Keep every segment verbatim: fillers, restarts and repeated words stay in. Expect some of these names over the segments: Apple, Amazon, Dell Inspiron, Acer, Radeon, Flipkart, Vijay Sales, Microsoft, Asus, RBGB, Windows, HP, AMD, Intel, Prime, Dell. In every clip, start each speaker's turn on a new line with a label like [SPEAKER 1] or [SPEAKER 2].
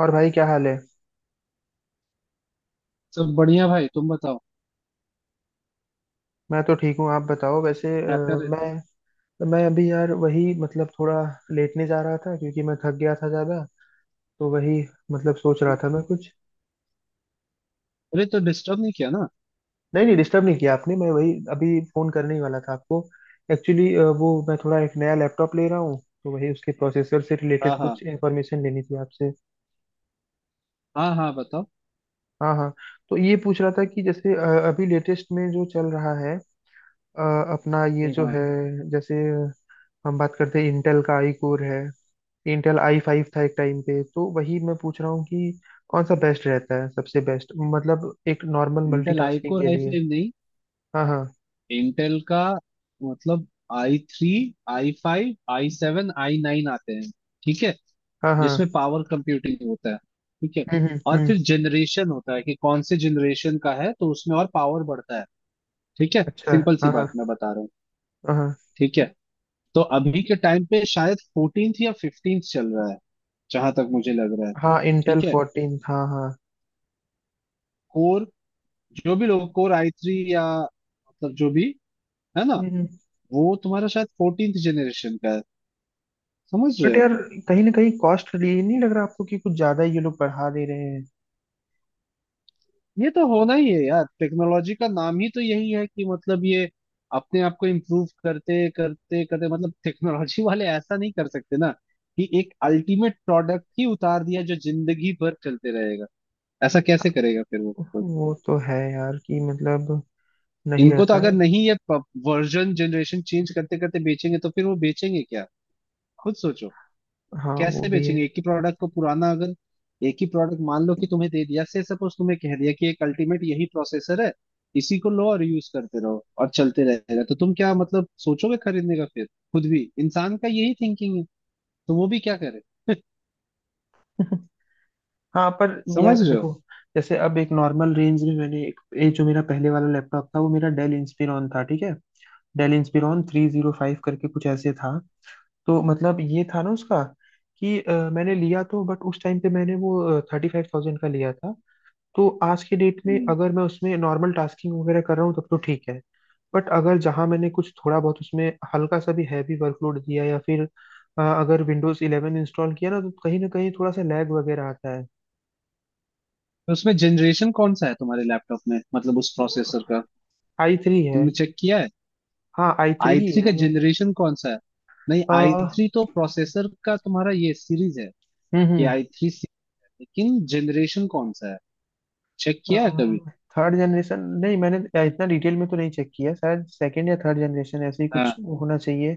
[SPEAKER 1] और भाई क्या हाल है।
[SPEAKER 2] सब बढ़िया भाई, तुम बताओ
[SPEAKER 1] मैं तो ठीक हूँ, आप बताओ। वैसे,
[SPEAKER 2] क्या कर
[SPEAKER 1] अ,
[SPEAKER 2] रहे थे।
[SPEAKER 1] मैं मैं अभी यार वही मतलब थोड़ा लेटने जा रहा था क्योंकि मैं थक गया था ज़्यादा। तो वही मतलब सोच रहा था मैं कुछ।
[SPEAKER 2] अरे तो डिस्टर्ब नहीं किया ना?
[SPEAKER 1] नहीं नहीं, डिस्टर्ब नहीं किया आपने। मैं वही अभी फ़ोन करने ही वाला था आपको, एक्चुअली। वो मैं थोड़ा एक नया लैपटॉप ले रहा हूँ, तो वही उसके प्रोसेसर से रिलेटेड
[SPEAKER 2] हाँ
[SPEAKER 1] कुछ
[SPEAKER 2] हाँ,
[SPEAKER 1] इन्फॉर्मेशन लेनी थी आपसे।
[SPEAKER 2] हाँ हाँ बताओ।
[SPEAKER 1] हाँ हाँ। तो ये पूछ रहा था कि जैसे अ, अभी लेटेस्ट में जो चल रहा है, अ, अपना ये
[SPEAKER 2] एक,
[SPEAKER 1] जो
[SPEAKER 2] हाँ।
[SPEAKER 1] है, जैसे हम बात करते हैं इंटेल का आई कोर है। इंटेल आई फाइव था एक टाइम पे, तो वही मैं पूछ रहा हूँ कि कौन सा बेस्ट रहता है, सबसे बेस्ट मतलब एक normal
[SPEAKER 2] Intel i
[SPEAKER 1] multitasking
[SPEAKER 2] core
[SPEAKER 1] के
[SPEAKER 2] आई
[SPEAKER 1] लिए।
[SPEAKER 2] फाइव नहीं,
[SPEAKER 1] हाँ हाँ।
[SPEAKER 2] इंटेल का मतलब i three, i five, i seven, i nine आते हैं। ठीक है।
[SPEAKER 1] हाँ हाँ।
[SPEAKER 2] जिसमें पावर कंप्यूटिंग होता है, ठीक है।
[SPEAKER 1] हम्म हम्म
[SPEAKER 2] और
[SPEAKER 1] हम्म,
[SPEAKER 2] फिर जनरेशन होता है कि कौन से जनरेशन का है, तो उसमें और पावर बढ़ता है। ठीक है,
[SPEAKER 1] अच्छा।
[SPEAKER 2] सिंपल सी
[SPEAKER 1] हाँ हाँ।
[SPEAKER 2] बात मैं बता रहा हूँ।
[SPEAKER 1] हाँ
[SPEAKER 2] ठीक है। तो अभी के टाइम पे शायद फोर्टीन या फिफ्टीन चल रहा है, जहां तक मुझे लग रहा है।
[SPEAKER 1] हाँ इंटेल
[SPEAKER 2] ठीक है।
[SPEAKER 1] फोर्टीन हाँ हाँ।
[SPEAKER 2] कोर, जो भी लोग कोर आई थ्री या मतलब जो भी, है ना,
[SPEAKER 1] हम्म।
[SPEAKER 2] वो तुम्हारा शायद फोर्टींथ जनरेशन का है, समझ रहे
[SPEAKER 1] बट
[SPEAKER 2] हो।
[SPEAKER 1] यार कहीं ना कहीं कॉस्ट लिए नहीं लग रहा आपको कि कुछ ज्यादा ही ये लोग बढ़ा दे रहे हैं?
[SPEAKER 2] ये तो होना ही है यार, टेक्नोलॉजी का नाम ही तो यही है कि मतलब ये अपने आप को इम्प्रूव करते करते करते मतलब टेक्नोलॉजी वाले ऐसा नहीं कर सकते ना, कि एक अल्टीमेट प्रोडक्ट ही उतार दिया जो जिंदगी भर चलते रहेगा। ऐसा कैसे करेगा फिर वो कोई?
[SPEAKER 1] वो तो है यार कि मतलब नहीं
[SPEAKER 2] इनको तो
[SPEAKER 1] रहता
[SPEAKER 2] अगर
[SPEAKER 1] है।
[SPEAKER 2] नहीं, ये वर्जन जनरेशन चेंज करते करते बेचेंगे तो फिर वो बेचेंगे क्या, खुद सोचो।
[SPEAKER 1] हाँ वो
[SPEAKER 2] कैसे
[SPEAKER 1] भी है।
[SPEAKER 2] बेचेंगे एक ही प्रोडक्ट को पुराना अगर। एक ही प्रोडक्ट मान लो कि तुम्हें दे दिया, से सपोज तुम्हें कह दिया कि एक अल्टीमेट यही प्रोसेसर है, इसी को लो और यूज करते रहो और चलते रहेगा, तो तुम क्या मतलब सोचोगे खरीदने का फिर। खुद भी इंसान का यही थिंकिंग है, तो वो भी क्या करे,
[SPEAKER 1] हाँ पर।
[SPEAKER 2] समझ
[SPEAKER 1] यार
[SPEAKER 2] रहे हो।
[SPEAKER 1] देखो, जैसे अब एक नॉर्मल रेंज में मैंने एक ये जो मेरा पहले वाला लैपटॉप था, वो मेरा डेल इंस्पिरॉन था, ठीक है। Dell Inspiron three zero five करके कुछ ऐसे था। तो मतलब ये था ना उसका कि अ, मैंने लिया तो, बट उस टाइम पे मैंने वो थर्टी फाइव थाउजेंड का लिया था। तो आज के डेट में
[SPEAKER 2] हम्म।
[SPEAKER 1] अगर मैं उसमें नॉर्मल टास्किंग वगैरह कर रहा हूँ तब तो ठीक है, बट अगर जहाँ मैंने कुछ थोड़ा बहुत उसमें हल्का सा भी हैवी वर्कलोड दिया, या फिर अ, अगर विंडोज इलेवन इंस्टॉल किया ना, तो कहीं ना कहीं थोड़ा सा लैग वगैरह आता है।
[SPEAKER 2] तो उसमें जनरेशन कौन सा है तुम्हारे लैपटॉप में, मतलब उस प्रोसेसर का,
[SPEAKER 1] आई थ्री है।
[SPEAKER 2] तुमने चेक किया है?
[SPEAKER 1] हाँ आई थ्री
[SPEAKER 2] आई
[SPEAKER 1] ही है
[SPEAKER 2] थ्री का
[SPEAKER 1] मैंने।
[SPEAKER 2] जनरेशन कौन सा है? नहीं,
[SPEAKER 1] अ,
[SPEAKER 2] आई थ्री तो प्रोसेसर का तुम्हारा ये सीरीज है कि
[SPEAKER 1] हम्म
[SPEAKER 2] आई थ्री, लेकिन जनरेशन कौन सा है, चेक किया है कभी?
[SPEAKER 1] हम्म। Third generation. नहीं मैंने इतना डिटेल में तो नहीं चेक किया, शायद सेकंड या थर्ड जनरेशन ऐसे ही
[SPEAKER 2] हाँ,
[SPEAKER 1] कुछ होना चाहिए।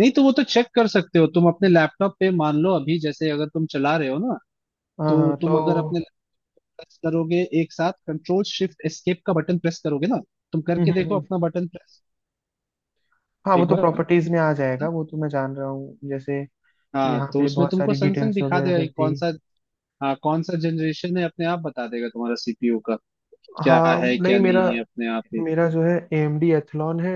[SPEAKER 2] नहीं तो वो तो चेक कर सकते हो तुम अपने लैपटॉप पे, मान लो अभी जैसे अगर तुम चला रहे हो ना,
[SPEAKER 1] हाँ
[SPEAKER 2] तो
[SPEAKER 1] हाँ तो।
[SPEAKER 2] तुम अगर अपने प्रेस करोगे एक साथ कंट्रोल शिफ्ट एस्केप का बटन प्रेस करोगे ना, तुम
[SPEAKER 1] हम्म
[SPEAKER 2] करके
[SPEAKER 1] हम्म
[SPEAKER 2] देखो
[SPEAKER 1] हम्म।
[SPEAKER 2] अपना बटन प्रेस
[SPEAKER 1] हाँ वो
[SPEAKER 2] एक
[SPEAKER 1] तो
[SPEAKER 2] बार।
[SPEAKER 1] प्रॉपर्टीज में आ जाएगा, वो तो मैं जान रहा हूँ, जैसे
[SPEAKER 2] हाँ,
[SPEAKER 1] यहाँ
[SPEAKER 2] तो
[SPEAKER 1] पे
[SPEAKER 2] उसमें
[SPEAKER 1] बहुत
[SPEAKER 2] तुमको
[SPEAKER 1] सारी
[SPEAKER 2] संग संग
[SPEAKER 1] डिटेल्स
[SPEAKER 2] दिखा
[SPEAKER 1] वगैरह
[SPEAKER 2] देगा कि
[SPEAKER 1] रहती
[SPEAKER 2] कौन
[SPEAKER 1] है।
[SPEAKER 2] सा। हाँ कौन सा जनरेशन है अपने आप बता देगा तुम्हारा सीपीयू का। क्या
[SPEAKER 1] हाँ
[SPEAKER 2] है
[SPEAKER 1] नहीं,
[SPEAKER 2] क्या
[SPEAKER 1] मेरा
[SPEAKER 2] नहीं है अपने आप ही।
[SPEAKER 1] मेरा जो है ए एम डी एथलॉन है।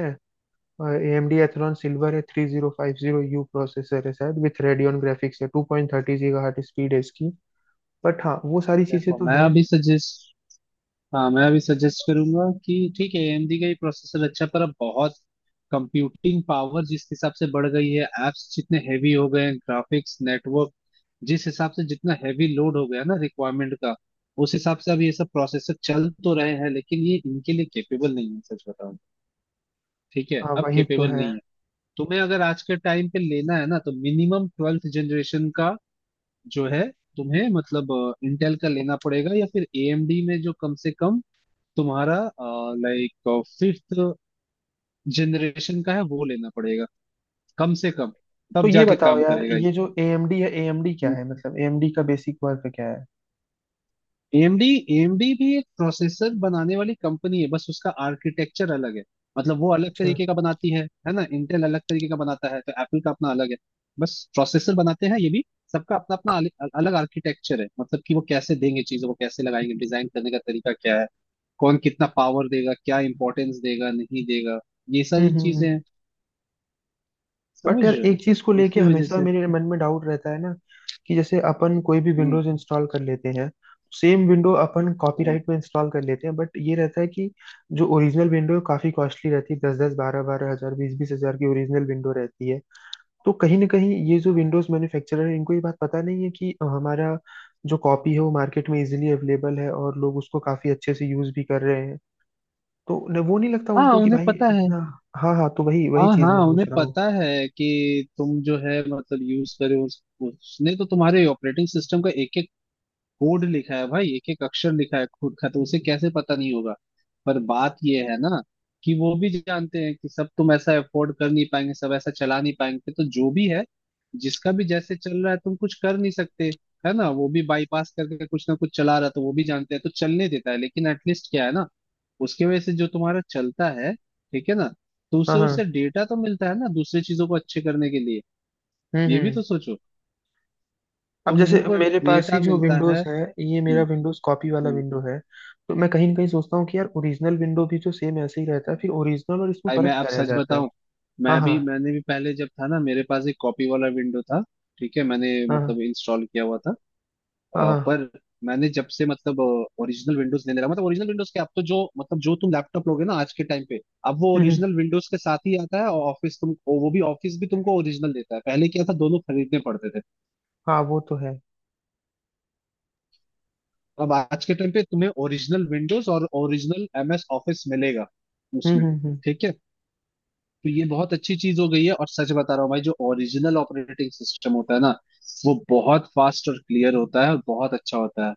[SPEAKER 1] A M D Athlon silver है, three zero five zero U processor है शायद, विथ रेडियन ग्राफिक्स है, two point thirty gigahertz speed है इसकी। बट हाँ वो सारी चीजें
[SPEAKER 2] देखो
[SPEAKER 1] तो
[SPEAKER 2] मैं
[SPEAKER 1] है।
[SPEAKER 2] अभी सजेस्ट, हाँ मैं अभी सजेस्ट करूंगा कि ठीक है एएमडी का ही प्रोसेसर अच्छा, पर अब बहुत कंप्यूटिंग पावर जिस हिसाब से बढ़ गई है, एप्स जितने हैवी हो गए हैं, ग्राफिक्स नेटवर्क जिस हिसाब से जितना हैवी लोड हो गया ना रिक्वायरमेंट का, उस हिसाब से अब ये सब प्रोसेसर चल तो रहे हैं लेकिन ये इनके लिए केपेबल नहीं है, सच बताऊं। ठीक है,
[SPEAKER 1] हाँ
[SPEAKER 2] अब
[SPEAKER 1] वही तो
[SPEAKER 2] केपेबल
[SPEAKER 1] है।
[SPEAKER 2] नहीं है। तुम्हें अगर आज के टाइम पे लेना है ना, तो मिनिमम ट्वेल्थ जनरेशन का जो है, तुम्हें मतलब इंटेल का लेना पड़ेगा, या फिर एएमडी में जो कम से कम तुम्हारा, लाइक, फिफ्थ जनरेशन का है वो लेना पड़ेगा, कम से कम,
[SPEAKER 1] तो
[SPEAKER 2] तब
[SPEAKER 1] ये
[SPEAKER 2] जाके
[SPEAKER 1] बताओ
[SPEAKER 2] काम
[SPEAKER 1] यार,
[SPEAKER 2] करेगा।
[SPEAKER 1] ये जो एएमडी है, ए एम डी क्या
[SPEAKER 2] ये
[SPEAKER 1] है, मतलब ए एम डी का बेसिक वर्क क्या है?
[SPEAKER 2] एएमडी, एएमडी भी एक प्रोसेसर बनाने वाली कंपनी है, बस उसका आर्किटेक्चर अलग है, मतलब वो अलग
[SPEAKER 1] अच्छा।
[SPEAKER 2] तरीके का बनाती है है ना। इंटेल अलग तरीके का बनाता है, तो एप्पल का अपना अलग है। बस प्रोसेसर बनाते हैं ये भी। सबका अपना अपना अल- अल- अलग आर्किटेक्चर है, मतलब कि वो कैसे देंगे, चीजों को कैसे लगाएंगे, डिजाइन करने का तरीका क्या है, कौन कितना पावर देगा, क्या इंपॉर्टेंस देगा नहीं देगा, ये
[SPEAKER 1] हम्म
[SPEAKER 2] सारी
[SPEAKER 1] हम्म
[SPEAKER 2] चीजें
[SPEAKER 1] हम्म।
[SPEAKER 2] हैं,
[SPEAKER 1] बट
[SPEAKER 2] समझ
[SPEAKER 1] यार
[SPEAKER 2] रहे
[SPEAKER 1] एक चीज को
[SPEAKER 2] हो,
[SPEAKER 1] लेके
[SPEAKER 2] इसी वजह
[SPEAKER 1] हमेशा
[SPEAKER 2] से।
[SPEAKER 1] मेरे मन में डाउट रहता है ना, कि जैसे अपन कोई भी
[SPEAKER 2] हम्म
[SPEAKER 1] विंडोज इंस्टॉल कर लेते हैं, सेम विंडो अपन
[SPEAKER 2] हम्म।
[SPEAKER 1] कॉपीराइट में इंस्टॉल कर लेते हैं, बट ये रहता है कि जो ओरिजिनल विंडो है काफी कॉस्टली रहती है। दस दस बारह बारह हजार, बीस बीस हजार की ओरिजिनल विंडो रहती है। तो कहीं ना कहीं ये जो विंडोज मैन्युफैक्चरर है, इनको ये बात पता नहीं है कि हमारा जो कॉपी है वो मार्केट में इजीली अवेलेबल है, और लोग उसको काफी अच्छे से यूज भी कर रहे हैं। तो न, वो नहीं लगता
[SPEAKER 2] हाँ,
[SPEAKER 1] उनको कि
[SPEAKER 2] उन्हें
[SPEAKER 1] भाई
[SPEAKER 2] पता है।
[SPEAKER 1] इतना। हाँ हाँ, तो वही वही
[SPEAKER 2] हाँ
[SPEAKER 1] चीज
[SPEAKER 2] हाँ,
[SPEAKER 1] मैं
[SPEAKER 2] उन्हें
[SPEAKER 1] पूछ रहा हूँ।
[SPEAKER 2] पता है कि तुम जो है मतलब यूज करे उस, उसने तो तुम्हारे ऑपरेटिंग सिस्टम का एक एक कोड लिखा है भाई, एक एक अक्षर लिखा है खुद का, तो उसे कैसे पता नहीं होगा। पर बात ये है ना कि वो भी जानते हैं कि सब तुम ऐसा अफोर्ड कर नहीं पाएंगे, सब ऐसा चला नहीं पाएंगे, तो जो भी है, जिसका भी जैसे चल रहा है, तुम कुछ कर नहीं सकते, है ना। वो भी बाईपास करके कुछ ना कुछ चला रहा है, तो वो भी जानते हैं, तो चलने देता है, लेकिन एटलीस्ट क्या है ना, उसके वजह से जो तुम्हारा चलता है, ठीक है ना, तो उससे
[SPEAKER 1] हाँ हाँ।
[SPEAKER 2] उससे डेटा तो मिलता है ना दूसरी चीजों को अच्छे करने के लिए,
[SPEAKER 1] हम्म
[SPEAKER 2] ये भी
[SPEAKER 1] हम्म।
[SPEAKER 2] तो सोचो।
[SPEAKER 1] अब जैसे
[SPEAKER 2] तुम को
[SPEAKER 1] मेरे पास ही
[SPEAKER 2] डेटा
[SPEAKER 1] जो
[SPEAKER 2] मिलता
[SPEAKER 1] विंडोज
[SPEAKER 2] है।
[SPEAKER 1] है, ये मेरा
[SPEAKER 2] हम्म
[SPEAKER 1] विंडोज कॉपी वाला
[SPEAKER 2] हम्म।
[SPEAKER 1] विंडो है। तो मैं कहीं ना कहीं सोचता हूँ कि यार ओरिजिनल विंडो भी तो सेम ऐसे ही रहता है, फिर ओरिजिनल और इसमें
[SPEAKER 2] भाई मैं
[SPEAKER 1] फर्क
[SPEAKER 2] अब
[SPEAKER 1] क्या रह
[SPEAKER 2] सच
[SPEAKER 1] जाता है?
[SPEAKER 2] बताऊं,
[SPEAKER 1] हाँ
[SPEAKER 2] मैं भी
[SPEAKER 1] हाँ।
[SPEAKER 2] मैंने भी पहले, जब था ना, मेरे पास एक कॉपी वाला विंडो था, ठीक है, मैंने
[SPEAKER 1] हाँ
[SPEAKER 2] मतलब
[SPEAKER 1] हाँ।
[SPEAKER 2] इंस्टॉल किया हुआ था।
[SPEAKER 1] हाँ
[SPEAKER 2] अ,
[SPEAKER 1] हाँ।
[SPEAKER 2] पर मैंने जब से मतलब ओरिजिनल विंडोज लेने लगा, मतलब ओरिजिनल विंडोज के, अब तो जो मतलब जो तुम लैपटॉप लोगे ना आज के टाइम पे, अब वो
[SPEAKER 1] हम्म हम्म,
[SPEAKER 2] ओरिजिनल विंडोज के साथ ही आता है, और ऑफिस तुम वो वो भी ऑफिस भी तुमको ओरिजिनल देता है। पहले क्या था, दोनों खरीदने पड़ते थे।
[SPEAKER 1] हाँ वो तो है।
[SPEAKER 2] अब आज के टाइम पे तुम्हें ओरिजिनल विंडोज और ओरिजिनल एमएस ऑफिस मिलेगा
[SPEAKER 1] हम्म
[SPEAKER 2] उसमें,
[SPEAKER 1] हम्म हम्म।
[SPEAKER 2] ठीक है। तो ये बहुत अच्छी चीज हो गई है। और सच बता रहा हूँ भाई, जो ओरिजिनल ऑपरेटिंग सिस्टम होता है ना, वो बहुत फास्ट और क्लियर होता है, और बहुत अच्छा होता है।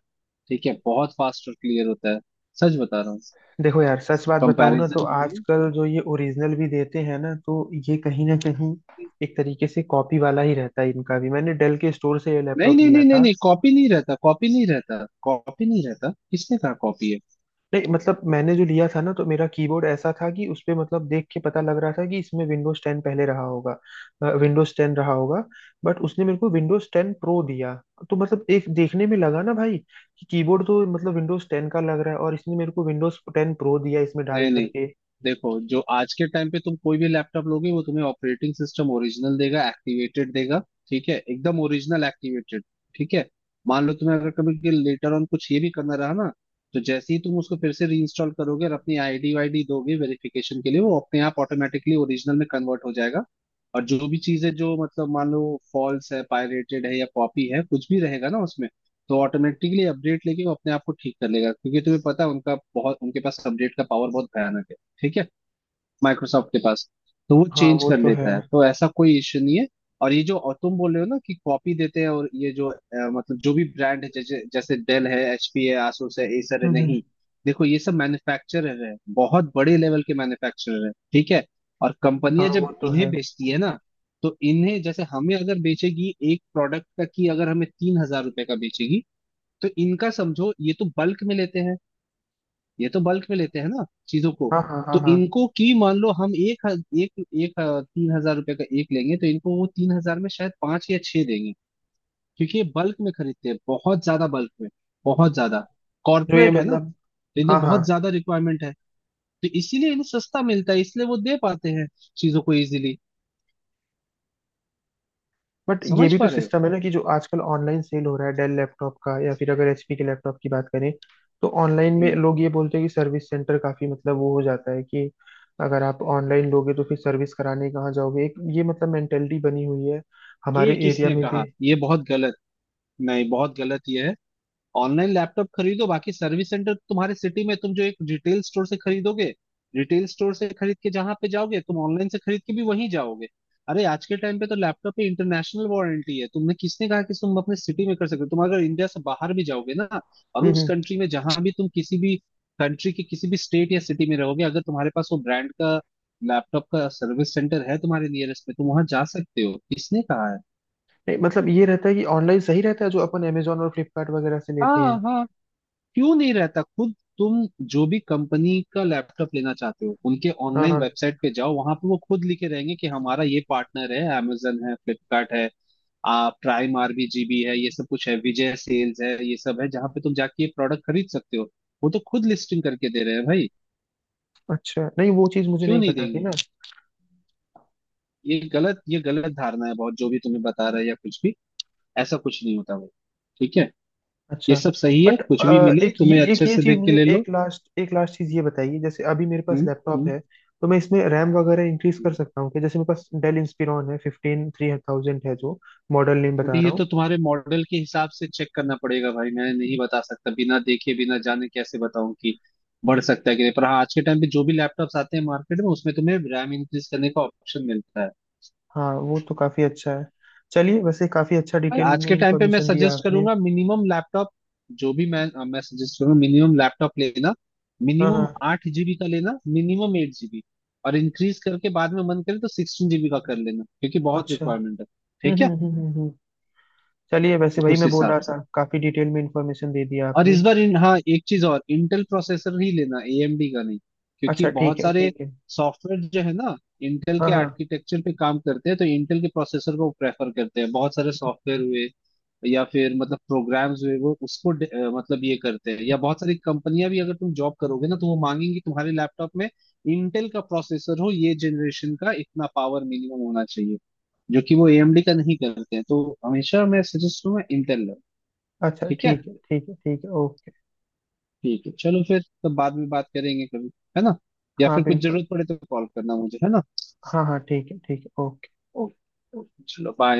[SPEAKER 2] ठीक है, बहुत फास्ट और क्लियर होता है, सच बता रहा हूँ,
[SPEAKER 1] देखो यार सच बात बताऊं ना, तो
[SPEAKER 2] कंपैरिजन में।
[SPEAKER 1] आजकल जो ये ओरिजिनल भी देते हैं ना, तो ये कहीं ना कहीं एक तरीके से कॉपी वाला ही रहता है इनका भी। मैंने डेल के स्टोर से ये
[SPEAKER 2] नहीं
[SPEAKER 1] लैपटॉप
[SPEAKER 2] नहीं
[SPEAKER 1] लिया
[SPEAKER 2] नहीं नहीं
[SPEAKER 1] था।
[SPEAKER 2] नहीं, कॉपी नहीं रहता, कॉपी नहीं रहता, कॉपी नहीं रहता, किसने कहा कॉपी है।
[SPEAKER 1] नहीं मतलब, मैंने जो लिया था ना, तो मेरा कीबोर्ड ऐसा था कि उस पे मतलब देख के पता लग रहा था कि इसमें विंडोज टेन पहले रहा होगा। विंडोज टेन रहा होगा, बट उसने मेरे को विंडोज टेन प्रो दिया। तो मतलब एक देखने में लगा ना भाई, कि कीबोर्ड तो मतलब विंडोज टेन का लग रहा है, और इसने मेरे को विंडोज टेन प्रो दिया इसमें डाल
[SPEAKER 2] नहीं नहीं,
[SPEAKER 1] करके।
[SPEAKER 2] देखो जो आज के टाइम पे तुम कोई भी लैपटॉप लोगे, वो तुम्हें ऑपरेटिंग सिस्टम ओरिजिनल देगा, एक्टिवेटेड देगा। ठीक है, एकदम ओरिजिनल एक्टिवेटेड, ठीक है। मान लो तुम्हें अगर कभी लेटर ऑन कुछ ये भी करना रहा ना, तो जैसे ही तुम उसको फिर से रीइंस्टॉल करोगे और अपनी आईडी वाईडी दोगे वेरिफिकेशन के लिए, वो अपने आप ऑटोमेटिकली ओरिजिनल में कन्वर्ट हो जाएगा। और जो भी चीजें जो मतलब, मान लो फॉल्स है, पायरेटेड है, या कॉपी है, कुछ भी रहेगा ना उसमें, तो ऑटोमेटिकली अपडेट लेके वो अपने आप को ठीक कर लेगा, क्योंकि तुम्हें पता है उनका बहुत, उनके पास अपडेट का पावर बहुत भयानक है, ठीक है, माइक्रोसॉफ्ट के पास। तो वो
[SPEAKER 1] हाँ
[SPEAKER 2] चेंज
[SPEAKER 1] वो
[SPEAKER 2] कर
[SPEAKER 1] तो है।
[SPEAKER 2] लेता है, तो ऐसा कोई इश्यू नहीं है। और ये जो, और तुम बोल रहे हो ना कि कॉपी देते हैं, और ये जो अ, मतलब जो भी ब्रांड है, जैसे जैसे डेल है, एचपी है, asus है, acer है,
[SPEAKER 1] हम्म
[SPEAKER 2] नहीं
[SPEAKER 1] हम्म।
[SPEAKER 2] देखो ये सब मैन्युफैक्चरर है, बहुत बड़े लेवल के मैन्युफैक्चरर है, ठीक है। और
[SPEAKER 1] हाँ
[SPEAKER 2] कंपनियां जब
[SPEAKER 1] वो तो
[SPEAKER 2] इन्हें
[SPEAKER 1] है।
[SPEAKER 2] बेचती है ना, तो इन्हें, जैसे हमें अगर बेचेगी एक प्रोडक्ट का, की अगर हमें तीन हजार रुपए का बेचेगी, तो इनका समझो ये तो बल्क में लेते हैं, ये तो बल्क में लेते हैं ना चीजों को।
[SPEAKER 1] हाँ हाँ।
[SPEAKER 2] तो
[SPEAKER 1] हाँ हाँ।
[SPEAKER 2] इनको, की मान लो हम एक हज- एक एक अ, तीन हजार रुपए का एक लेंगे, तो इनको वो तीन हजार में शायद पांच या छह देंगे, क्योंकि ये बल्क में खरीदते हैं, बहुत ज्यादा बल्क में, बहुत ज्यादा।
[SPEAKER 1] जो ये
[SPEAKER 2] कॉर्पोरेट है ना,
[SPEAKER 1] मतलब।
[SPEAKER 2] तो इनको
[SPEAKER 1] हाँ हाँ।
[SPEAKER 2] बहुत ज्यादा रिक्वायरमेंट है, तो इसीलिए इन्हें सस्ता मिलता है, इसलिए वो दे पाते हैं चीजों को इजीली,
[SPEAKER 1] बट ये
[SPEAKER 2] समझ
[SPEAKER 1] भी तो
[SPEAKER 2] पा रहे हो।
[SPEAKER 1] सिस्टम है ना, कि जो आजकल ऑनलाइन सेल हो रहा है डेल लैपटॉप का, या फिर अगर एच पी के लैपटॉप की बात करें, तो ऑनलाइन में
[SPEAKER 2] हम्म।
[SPEAKER 1] लोग ये बोलते हैं कि सर्विस सेंटर काफी, मतलब वो हो जाता है कि अगर आप ऑनलाइन लोगे तो फिर सर्विस कराने कहाँ जाओगे। एक ये मतलब मेंटेलिटी बनी हुई है
[SPEAKER 2] ये
[SPEAKER 1] हमारे एरिया
[SPEAKER 2] किसने
[SPEAKER 1] में भी।
[SPEAKER 2] कहा, ये बहुत गलत। नहीं, बहुत गलत ये है। ऑनलाइन लैपटॉप खरीदो, बाकी सर्विस सेंटर तुम्हारे सिटी में, तुम जो एक रिटेल स्टोर से खरीदोगे, रिटेल स्टोर से खरीद के जहां पे जाओगे, तुम ऑनलाइन से खरीद के भी वहीं जाओगे। अरे आज के टाइम पे तो लैपटॉप पे इंटरनेशनल वारंटी है, तुमने, किसने कहा कि तुम अपने सिटी में कर सकते हो? तुम अगर इंडिया से बाहर भी जाओगे ना, और
[SPEAKER 1] हम्म
[SPEAKER 2] उस
[SPEAKER 1] हम्म।
[SPEAKER 2] कंट्री में जहां भी तुम, किसी भी कंट्री के किसी भी स्टेट या सिटी में रहोगे, अगर तुम्हारे पास वो ब्रांड का लैपटॉप का सर्विस सेंटर है तुम्हारे नियरेस्ट में, तुम वहां जा सकते हो, किसने कहा है।
[SPEAKER 1] नहीं, मतलब ये रहता है कि ऑनलाइन सही रहता है जो अपन अमेजोन और फ्लिपकार्ट वगैरह से लेते हैं।
[SPEAKER 2] हाँ हाँ, क्यों नहीं रहता, खुद तुम जो भी कंपनी का लैपटॉप लेना चाहते हो उनके
[SPEAKER 1] हाँ
[SPEAKER 2] ऑनलाइन
[SPEAKER 1] हाँ।
[SPEAKER 2] वेबसाइट पे जाओ, वहां पे वो खुद लिखे रहेंगे कि हमारा ये पार्टनर है, amazon है, फ्लिपकार्ट है, आ, प्राइम आरबीजीबी है, ये सब कुछ है, विजय सेल्स है, ये सब है, जहां पे तुम जाके ये प्रोडक्ट खरीद सकते हो। वो तो खुद लिस्टिंग करके दे रहे हैं भाई,
[SPEAKER 1] अच्छा, नहीं वो चीज़ मुझे
[SPEAKER 2] क्यों
[SPEAKER 1] नहीं
[SPEAKER 2] नहीं
[SPEAKER 1] पता थी
[SPEAKER 2] देंगे।
[SPEAKER 1] ना।
[SPEAKER 2] ये गलत, ये गलत धारणा है, बहुत जो भी तुम्हें बता रहा है या कुछ भी, ऐसा कुछ नहीं होता भाई, ठीक है। ये
[SPEAKER 1] अच्छा।
[SPEAKER 2] सब सही है,
[SPEAKER 1] बट
[SPEAKER 2] कुछ भी मिले
[SPEAKER 1] एक ये
[SPEAKER 2] तुम्हें
[SPEAKER 1] एक
[SPEAKER 2] अच्छे
[SPEAKER 1] ये
[SPEAKER 2] से
[SPEAKER 1] चीज
[SPEAKER 2] देख के
[SPEAKER 1] मुझे,
[SPEAKER 2] ले लो।
[SPEAKER 1] एक लास्ट एक लास्ट चीज ये बताइए, जैसे अभी मेरे पास
[SPEAKER 2] हम्म हम्म
[SPEAKER 1] लैपटॉप है, तो मैं इसमें रैम वगैरह इंक्रीज कर
[SPEAKER 2] हम्म।
[SPEAKER 1] सकता हूँ? कि जैसे मेरे पास डेल इंस्पिरॉन है, फिफ्टीन थ्री थाउजेंड है, जो मॉडल नेम बता
[SPEAKER 2] अभी ये
[SPEAKER 1] रहा हूँ।
[SPEAKER 2] तो तुम्हारे मॉडल के हिसाब से चेक करना पड़ेगा भाई, मैं नहीं बता सकता, बिना देखे बिना जाने कैसे बताऊं कि बढ़ सकता है कि नहीं, पर हाँ, आज के टाइम पे जो भी लैपटॉप्स आते हैं मार्केट में, उसमें तुम्हें रैम इंक्रीज करने का ऑप्शन मिलता है।
[SPEAKER 1] हाँ वो तो काफी अच्छा है। चलिए, वैसे काफी अच्छा
[SPEAKER 2] और
[SPEAKER 1] डिटेल
[SPEAKER 2] आज
[SPEAKER 1] में
[SPEAKER 2] के टाइम पे मैं
[SPEAKER 1] इंफॉर्मेशन दिया
[SPEAKER 2] सजेस्ट
[SPEAKER 1] आपने।
[SPEAKER 2] करूंगा मिनिमम लैपटॉप जो भी, मैं मैं सजेस्ट करूंगा मिनिमम लैपटॉप लेना,
[SPEAKER 1] हाँ हाँ।
[SPEAKER 2] मिनिमम आठ जीबी का लेना, मिनिमम एट जीबी। और इंक्रीज करके बाद में मन करे तो सिक्सटीन जीबी का कर लेना, क्योंकि बहुत
[SPEAKER 1] अच्छा।
[SPEAKER 2] रिक्वायरमेंट है,
[SPEAKER 1] हम्म
[SPEAKER 2] ठीक है।
[SPEAKER 1] हम्म हम्म हम्म हम्म। चलिए, वैसे
[SPEAKER 2] तो
[SPEAKER 1] वही
[SPEAKER 2] उस
[SPEAKER 1] मैं बोल रहा
[SPEAKER 2] हिसाब से।
[SPEAKER 1] था, काफी डिटेल में इंफॉर्मेशन दे दिया
[SPEAKER 2] और
[SPEAKER 1] आपने।
[SPEAKER 2] इस बार इन, हाँ एक चीज और, इंटेल प्रोसेसर ही लेना, एएमडी का नहीं, क्योंकि
[SPEAKER 1] अच्छा ठीक
[SPEAKER 2] बहुत
[SPEAKER 1] है
[SPEAKER 2] सारे
[SPEAKER 1] ठीक है।
[SPEAKER 2] सॉफ्टवेयर जो है ना इंटेल
[SPEAKER 1] हाँ
[SPEAKER 2] के
[SPEAKER 1] हाँ।
[SPEAKER 2] आर्किटेक्चर पे काम करते हैं, तो इंटेल के प्रोसेसर को प्रेफर करते हैं बहुत सारे सॉफ्टवेयर हुए या फिर मतलब प्रोग्राम्स हुए, वो उसको डे- अ, मतलब ये करते हैं, या बहुत सारी कंपनियां भी, अगर तुम जॉब करोगे ना तो वो मांगेंगी तुम्हारे लैपटॉप में इंटेल का प्रोसेसर हो, ये जनरेशन का इतना पावर मिनिमम होना चाहिए, जो कि वो एएमडी का नहीं करते हैं, तो हमेशा मैं सजेस्ट करूंगा इंटेल लो।
[SPEAKER 1] अच्छा
[SPEAKER 2] ठीक है,
[SPEAKER 1] ठीक है ठीक है ठीक है, ओके।
[SPEAKER 2] ठीक है चलो, फिर तो बाद में बात करेंगे कभी, है ना, या
[SPEAKER 1] हाँ
[SPEAKER 2] फिर कुछ
[SPEAKER 1] बिल्कुल।
[SPEAKER 2] जरूरत पड़े तो कॉल करना मुझे, है ना।
[SPEAKER 1] हाँ हाँ ठीक है ठीक है, ओके।
[SPEAKER 2] ओके ओके, चलो बाय।